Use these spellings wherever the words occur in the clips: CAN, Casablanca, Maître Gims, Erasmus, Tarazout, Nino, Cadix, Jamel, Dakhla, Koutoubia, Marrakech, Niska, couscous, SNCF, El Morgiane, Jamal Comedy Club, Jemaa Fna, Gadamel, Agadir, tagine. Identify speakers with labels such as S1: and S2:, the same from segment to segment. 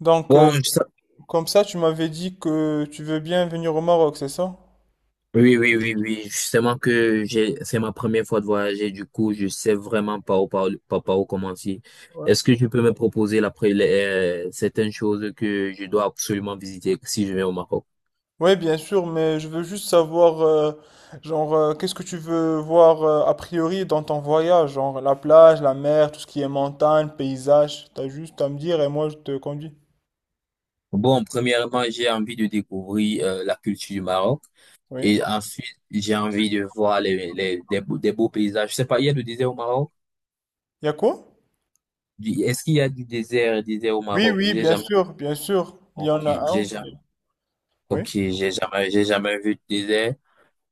S1: Donc,
S2: Bon,
S1: euh,
S2: je sais-
S1: Comme ça, tu m'avais dit que tu veux bien venir au Maroc, c'est ça?
S2: oui, oui, oui, oui. Justement que j'ai, c'est ma première fois de voyager. Du coup, je sais vraiment pas par où commencer.
S1: Ouais.
S2: Est-ce que tu peux me proposer certaines choses que je dois absolument visiter si je vais au Maroc?
S1: Oui, bien sûr, mais je veux juste savoir, genre, qu'est-ce que tu veux voir a priori dans ton voyage, genre la plage, la mer, tout ce qui est montagne, paysage. T'as juste à me dire et moi je te conduis.
S2: Bon, premièrement, j'ai envie de découvrir la culture du Maroc.
S1: Oui.
S2: Et ensuite, j'ai envie de voir des beaux paysages. Je sais pas, il y a du désert au Maroc?
S1: Y a quoi?
S2: Est-ce qu'il y a du désert au
S1: Oui,
S2: Maroc?
S1: oui,
S2: J'ai
S1: bien
S2: jamais,
S1: sûr, bien sûr. Il y
S2: ok,
S1: en a
S2: j'ai
S1: un.
S2: jamais, ok,
S1: Oui,
S2: j'ai jamais, J'ai jamais vu de désert.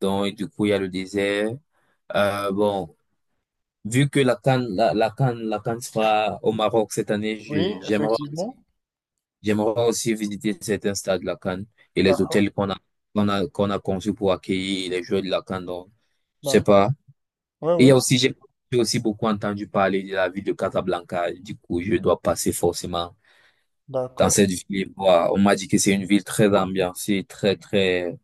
S2: Donc, du coup, il y a le désert. Euh, bon, Vu que la CAN sera au Maroc cette année,
S1: oui,
S2: j'aimerais,
S1: effectivement.
S2: j'aimerais aussi visiter certains stades de la CAN et les
S1: D'accord,
S2: hôtels qu'on a conçus pour accueillir les joueurs de la CAN. Donc, je sais
S1: d'accord.
S2: pas.
S1: Oui,
S2: Et il
S1: oui,
S2: y a aussi, j'ai aussi beaucoup entendu parler de la ville de Casablanca. Du coup, je dois passer forcément dans
S1: d'accord,
S2: cette ville et voir. On m'a dit que c'est une ville très ambiancée, très, très,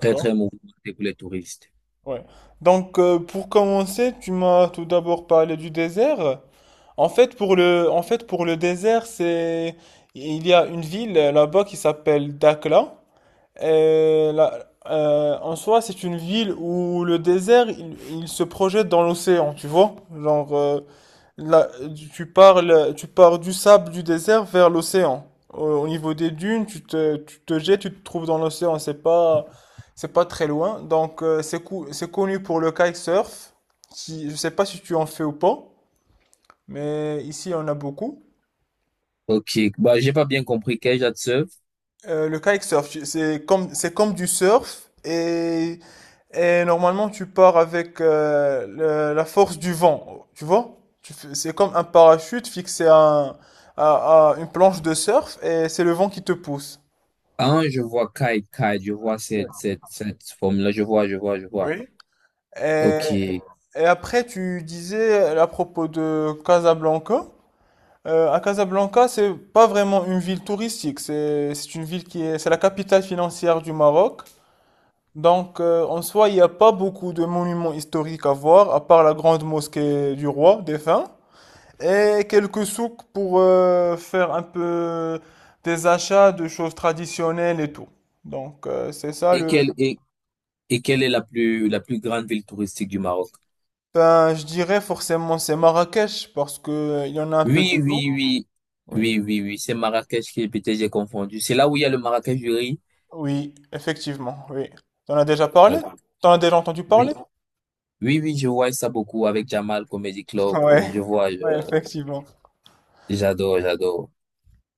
S2: très, très mouvementée pour les touristes.
S1: Ouais. Pour commencer, tu m'as tout d'abord parlé du désert. En fait, pour le désert, il y a une ville là-bas qui s'appelle Dakhla. Et là, en soi, c'est une ville où le désert, il se projette dans l'océan, tu vois? Genre, euh, Là, Tu parles, tu pars du sable du désert vers l'océan. Au niveau des dunes, tu te jettes, tu te trouves dans l'océan. C'est pas très loin. Donc, c'est connu pour le kitesurf. Qui, je sais pas si tu en fais ou pas, mais ici, on a beaucoup.
S2: Ok, bah, j'ai pas bien compris. Quel âge as-tu?
S1: Le kitesurf, c'est c'est comme du surf et normalement, tu pars avec la force du vent, tu vois? C'est comme un parachute fixé à une planche de surf et c'est le vent qui te pousse.
S2: Ah, je vois Kai Kai, je vois cette forme-là, je vois.
S1: Oui. Et,
S2: Ok. Et
S1: et après, tu disais à propos de Casablanca. À Casablanca, c'est pas vraiment une ville touristique. C'est une ville qui est, c'est la capitale financière du Maroc. Donc, en soi, il n'y a pas beaucoup de monuments historiques à voir, à part la grande mosquée du roi défunt. Et quelques souks pour faire un peu des achats de choses traditionnelles et tout. Donc, c'est ça le...
S2: quelle, et, quelle est la plus grande ville touristique du Maroc?
S1: Ben, je dirais forcément c'est Marrakech parce que il y en a un peu de
S2: Oui,
S1: tout.
S2: oui, oui.
S1: Oui.
S2: Oui, oui, oui. C'est Marrakech qui est, peut-être j'ai confondu. C'est là où il y a le Marrakech du riz.
S1: Oui, effectivement, oui. T'en as déjà parlé?
S2: Euh,
S1: T'en as déjà entendu
S2: oui,
S1: parler?
S2: oui, oui, je vois ça beaucoup avec Jamal Comedy Club.
S1: Ouais. Ouais, effectivement.
S2: J'adore, j'adore,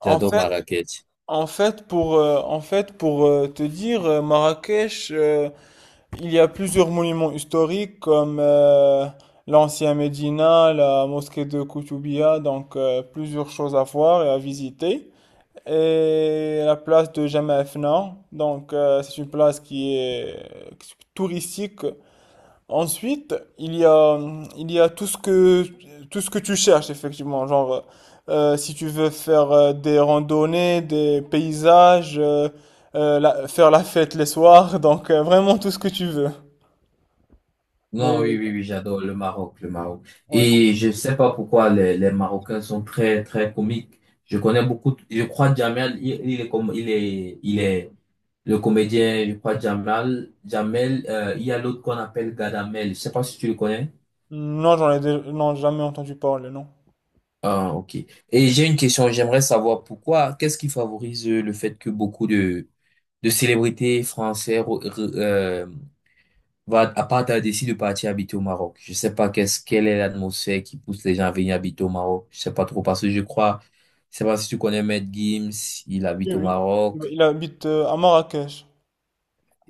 S1: En
S2: j'adore
S1: fait,
S2: Marrakech.
S1: en fait, pour te dire, Marrakech, il y a plusieurs monuments historiques comme l'ancien Médina, la mosquée de Koutoubia, donc plusieurs choses à voir et à visiter. Et la place de Jemaa Fna, donc c'est une place qui est touristique. Ensuite, il y a tout ce que tu cherches effectivement, genre, si tu veux faire des randonnées, des paysages, faire la fête les soirs, donc vraiment tout ce que tu veux.
S2: Non, oui,
S1: Mais
S2: oui, oui, j'adore le Maroc, le Maroc.
S1: ouais.
S2: Et je sais pas pourquoi les Marocains sont très, très comiques. Je connais beaucoup, je crois Jamel, il est comme, il est le comédien, je crois Jamel, il y a l'autre qu'on appelle Gadamel. Je sais pas si tu le connais.
S1: Non, non, jamais entendu parler, non.
S2: Ah, ok. Et j'ai une question, j'aimerais savoir pourquoi, qu'est-ce qui favorise le fait que beaucoup de célébrités françaises va à part t'as décidé de partir habiter au Maroc. Je sais pas qu'est-ce quelle est l'atmosphère qui pousse les gens à venir habiter au Maroc. Je sais pas trop parce que je sais pas si tu connais Maître Gims, il
S1: Oui,
S2: habite au
S1: oui.
S2: Maroc.
S1: Il habite à Marrakech.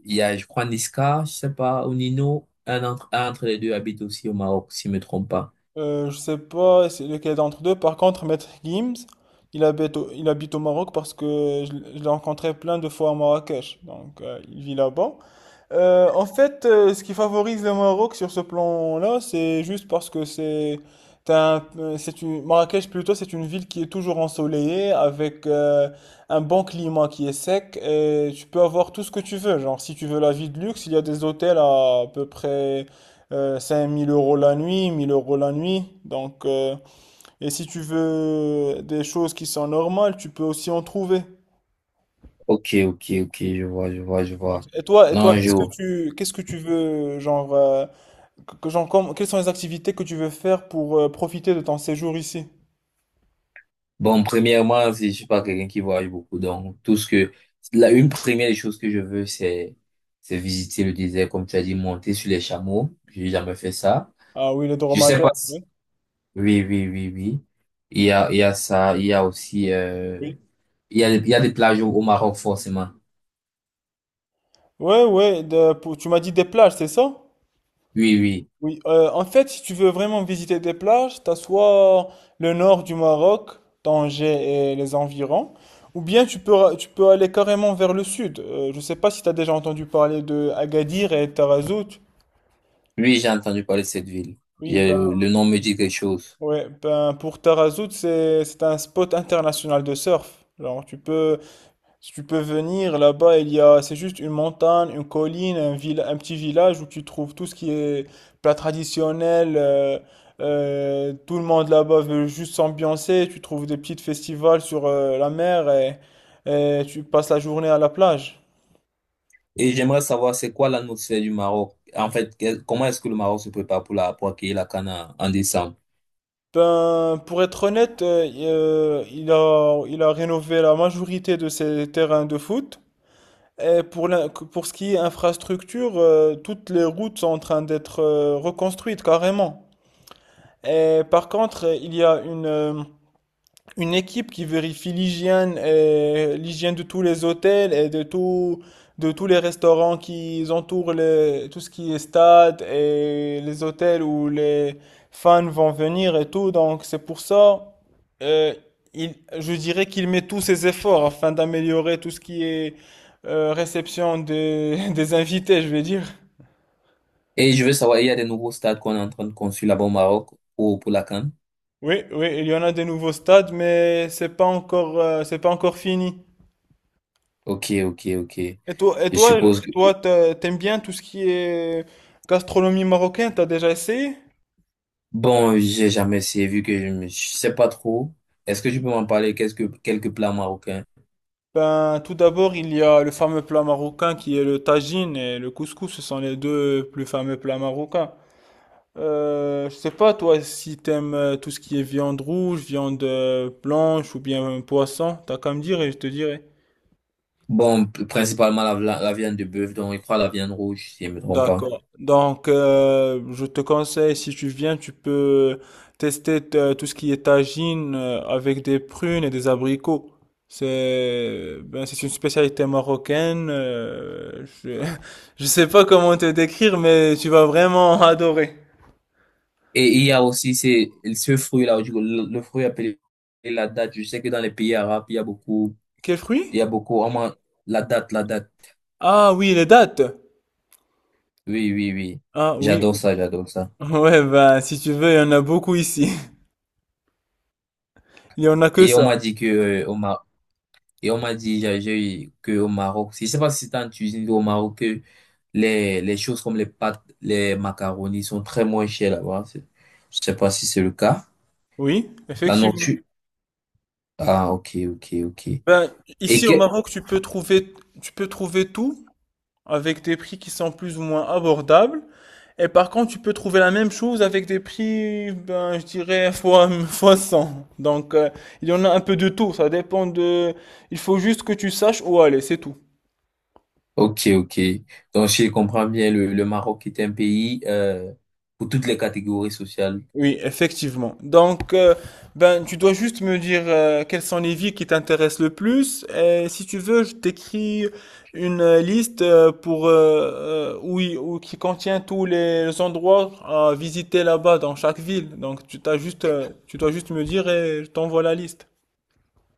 S2: Il y a, je crois, Niska, je sais pas, ou Nino, un entre les deux habite aussi au Maroc, si je me trompe pas.
S1: Je sais pas c'est lequel d'entre deux. Par contre, Maître Gims, il habite au Maroc parce que je l'ai rencontré plein de fois à Marrakech. Donc, il vit là-bas. En fait, ce qui favorise le Maroc sur ce plan-là, c'est juste parce que c'est une Marrakech plutôt, c'est une ville qui est toujours ensoleillée avec un bon climat qui est sec et tu peux avoir tout ce que tu veux. Genre, si tu veux la vie de luxe, il y a des hôtels à peu près 5 000 € la nuit, 1 000 € la nuit. Donc, et si tu veux des choses qui sont normales, tu peux aussi en trouver.
S2: Ok, ok, ok, je vois, je vois, je
S1: Donc,
S2: vois.
S1: et toi, et
S2: Non,
S1: toi, Ouais.
S2: je,
S1: Qu'est-ce que qu'est-ce que tu veux, genre, quelles sont les activités que tu veux faire pour profiter de ton séjour ici?
S2: Bon, premièrement, je suis pas quelqu'un qui voyage beaucoup, donc tout ce que la une première des choses que je veux, c'est visiter le désert, comme tu as dit, monter sur les chameaux. J'ai jamais fait ça.
S1: Ah oui, les
S2: Je sais
S1: dromadaires,
S2: pas. Si-
S1: oui.
S2: Oui, oui, oui, oui. Il y a ça, il y a aussi
S1: Oui,
S2: il y a des plages au au Maroc forcément.
S1: ouais, ouais, tu m'as dit des plages, c'est ça?
S2: Oui, oui,
S1: Oui, en fait, si tu veux vraiment visiter des plages, t'as soit le nord du Maroc, Tanger et les environs, ou bien tu peux aller carrément vers le sud. Je sais pas si t'as déjà entendu parler de Agadir et Tarazout.
S2: oui, j'ai entendu parler de cette ville. Il
S1: Oui,
S2: y le nom me dit quelque chose.
S1: ouais, ben, pour Tarazout, c'est un spot international de surf. Alors, si tu peux venir là-bas, il y a, c'est juste une montagne, une colline, un petit village où tu trouves tout ce qui est plat traditionnel. Tout le monde là-bas veut juste s'ambiancer. Tu trouves des petits festivals sur la mer et tu passes la journée à la plage.
S2: Et j'aimerais savoir c'est quoi l'atmosphère du Maroc. En fait, comment est-ce que le Maroc se prépare pour accueillir la CAN en en décembre?
S1: Ben, pour être honnête, il a rénové la majorité de ses terrains de foot. Et pour ce qui est infrastructure, toutes les routes sont en train d'être reconstruites carrément. Et par contre, il y a une équipe qui vérifie l'hygiène et l'hygiène de tous les hôtels et de tout, de tous les restaurants qui entourent les, tout ce qui est stade et les hôtels où les fans vont venir et tout. Donc, c'est pour ça, euh, je dirais qu'il met tous ses efforts afin d'améliorer tout ce qui est réception des, des invités, je vais dire.
S2: Et je veux savoir, il y a des nouveaux stades qu'on est en train de construire là-bas au Maroc pour la CAN?
S1: Oui, oui, il y en a des nouveaux stades, mais c'est pas encore fini.
S2: Ok, ok, ok.
S1: Et toi, et
S2: Je
S1: toi,
S2: suppose
S1: et
S2: que...
S1: toi, t'aimes bien tout ce qui est gastronomie marocaine, t'as déjà essayé?
S2: Bon, j'ai jamais essayé vu que je ne sais pas trop. Est-ce que tu peux m'en parler quelques plats marocains?
S1: Ben, tout d'abord, il y a le fameux plat marocain qui est le tagine et le couscous, ce sont les deux plus fameux plats marocains. Je sais pas, toi, si t'aimes tout ce qui est viande rouge, viande blanche ou bien poisson, t'as qu'à me dire et je te dirai.
S2: Bon, principalement la viande de bœuf, donc il croit la viande rouge, si je ne me trompe pas.
S1: D'accord. Donc, je te conseille, si tu viens, tu peux tester tout ce qui est tagine avec des prunes et des abricots. C'est une spécialité marocaine. Je je sais pas comment te décrire, mais tu vas vraiment adorer.
S2: Et il y a aussi ce fruit-là, le fruit appelé la date. Je sais que dans les pays arabes, il y a beaucoup,
S1: Quel fruit?
S2: il y a beaucoup, on mange la date, la date.
S1: Ah oui, les dattes.
S2: Oui, oui, oui.
S1: Ah oui.
S2: J'adore ça, j'adore ça.
S1: Ouais, ben, si tu veux, il y en a beaucoup ici. Il y en a que
S2: Et on
S1: ça.
S2: m'a dit que, Et on m'a dit, eu que au Maroc, je sais pas si c'est en Tunisie ou au Maroc, que les choses comme les pâtes, les macaronis sont très moins chères là-bas. Je sais pas si c'est le cas.
S1: Oui,
S2: La
S1: effectivement.
S2: nourriture. Ah, ok, ok, ok.
S1: Ben,
S2: Et
S1: Ici
S2: que,
S1: au Maroc, tu peux trouver tout, avec des prix qui sont plus ou moins abordables. Et par contre, tu peux trouver la même chose avec des prix, ben, je dirais, fois 100. Donc, il y en a un peu de tout. Il faut juste que tu saches où aller, c'est tout.
S2: ok, ok. Donc, je comprends bien, le Maroc est un pays, pour toutes les catégories sociales.
S1: Oui, effectivement. Donc, tu dois juste me dire quelles sont les villes qui t'intéressent le plus. Et si tu veux, je t'écris une liste pour oui, ou qui contient tous les endroits à visiter là-bas dans chaque ville. Donc, tu dois juste me dire et je t'envoie la liste.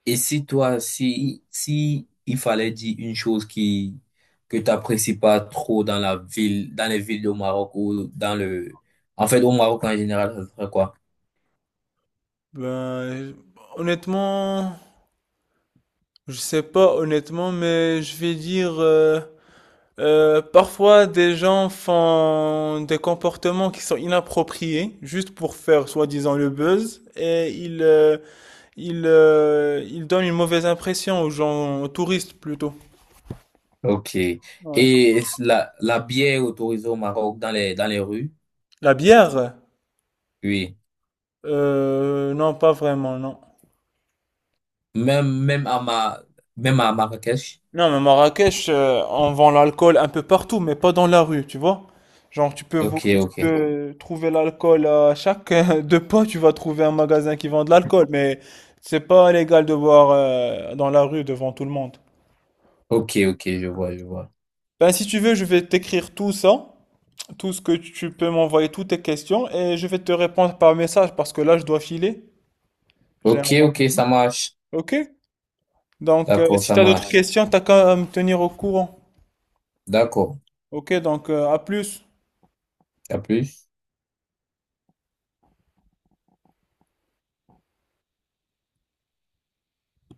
S2: Et si toi, si il fallait dire une chose qui, que t'apprécies pas trop dans la ville, dans les villes au Maroc ou dans le, en fait, au Maroc en général, ça serait quoi?
S1: Ben, honnêtement, je sais pas honnêtement, mais je vais dire. Parfois, des gens font des comportements qui sont inappropriés, juste pour faire soi-disant le buzz, et ils donnent une mauvaise impression aux gens, aux touristes plutôt.
S2: Ok.
S1: Ouais.
S2: Et la bière est autorisée au Maroc dans dans les rues?
S1: La bière?
S2: Oui.
S1: Non, pas vraiment, non.
S2: Même, même à Marrakech?
S1: Non, mais Marrakech, on vend l'alcool un peu partout, mais pas dans la rue, tu vois. Genre,
S2: Ok,
S1: tu
S2: ok.
S1: peux trouver l'alcool à chaque deux pas, tu vas trouver un magasin qui vend de l'alcool, mais c'est pas légal de boire dans la rue devant tout le monde.
S2: Ok, ok, je vois, je vois.
S1: Ben, si tu veux, je vais t'écrire tout ça, tout ce que tu peux m'envoyer, toutes tes questions, et je vais te répondre par message parce que là, je dois filer. J'ai un
S2: Ok, ok,
S1: rendez-vous.
S2: ça marche.
S1: Ok? Donc,
S2: D'accord,
S1: si
S2: ça
S1: tu as d'autres
S2: marche.
S1: questions, t'as qu'à me tenir au courant.
S2: D'accord.
S1: Ok? Donc, à plus.
S2: À plus.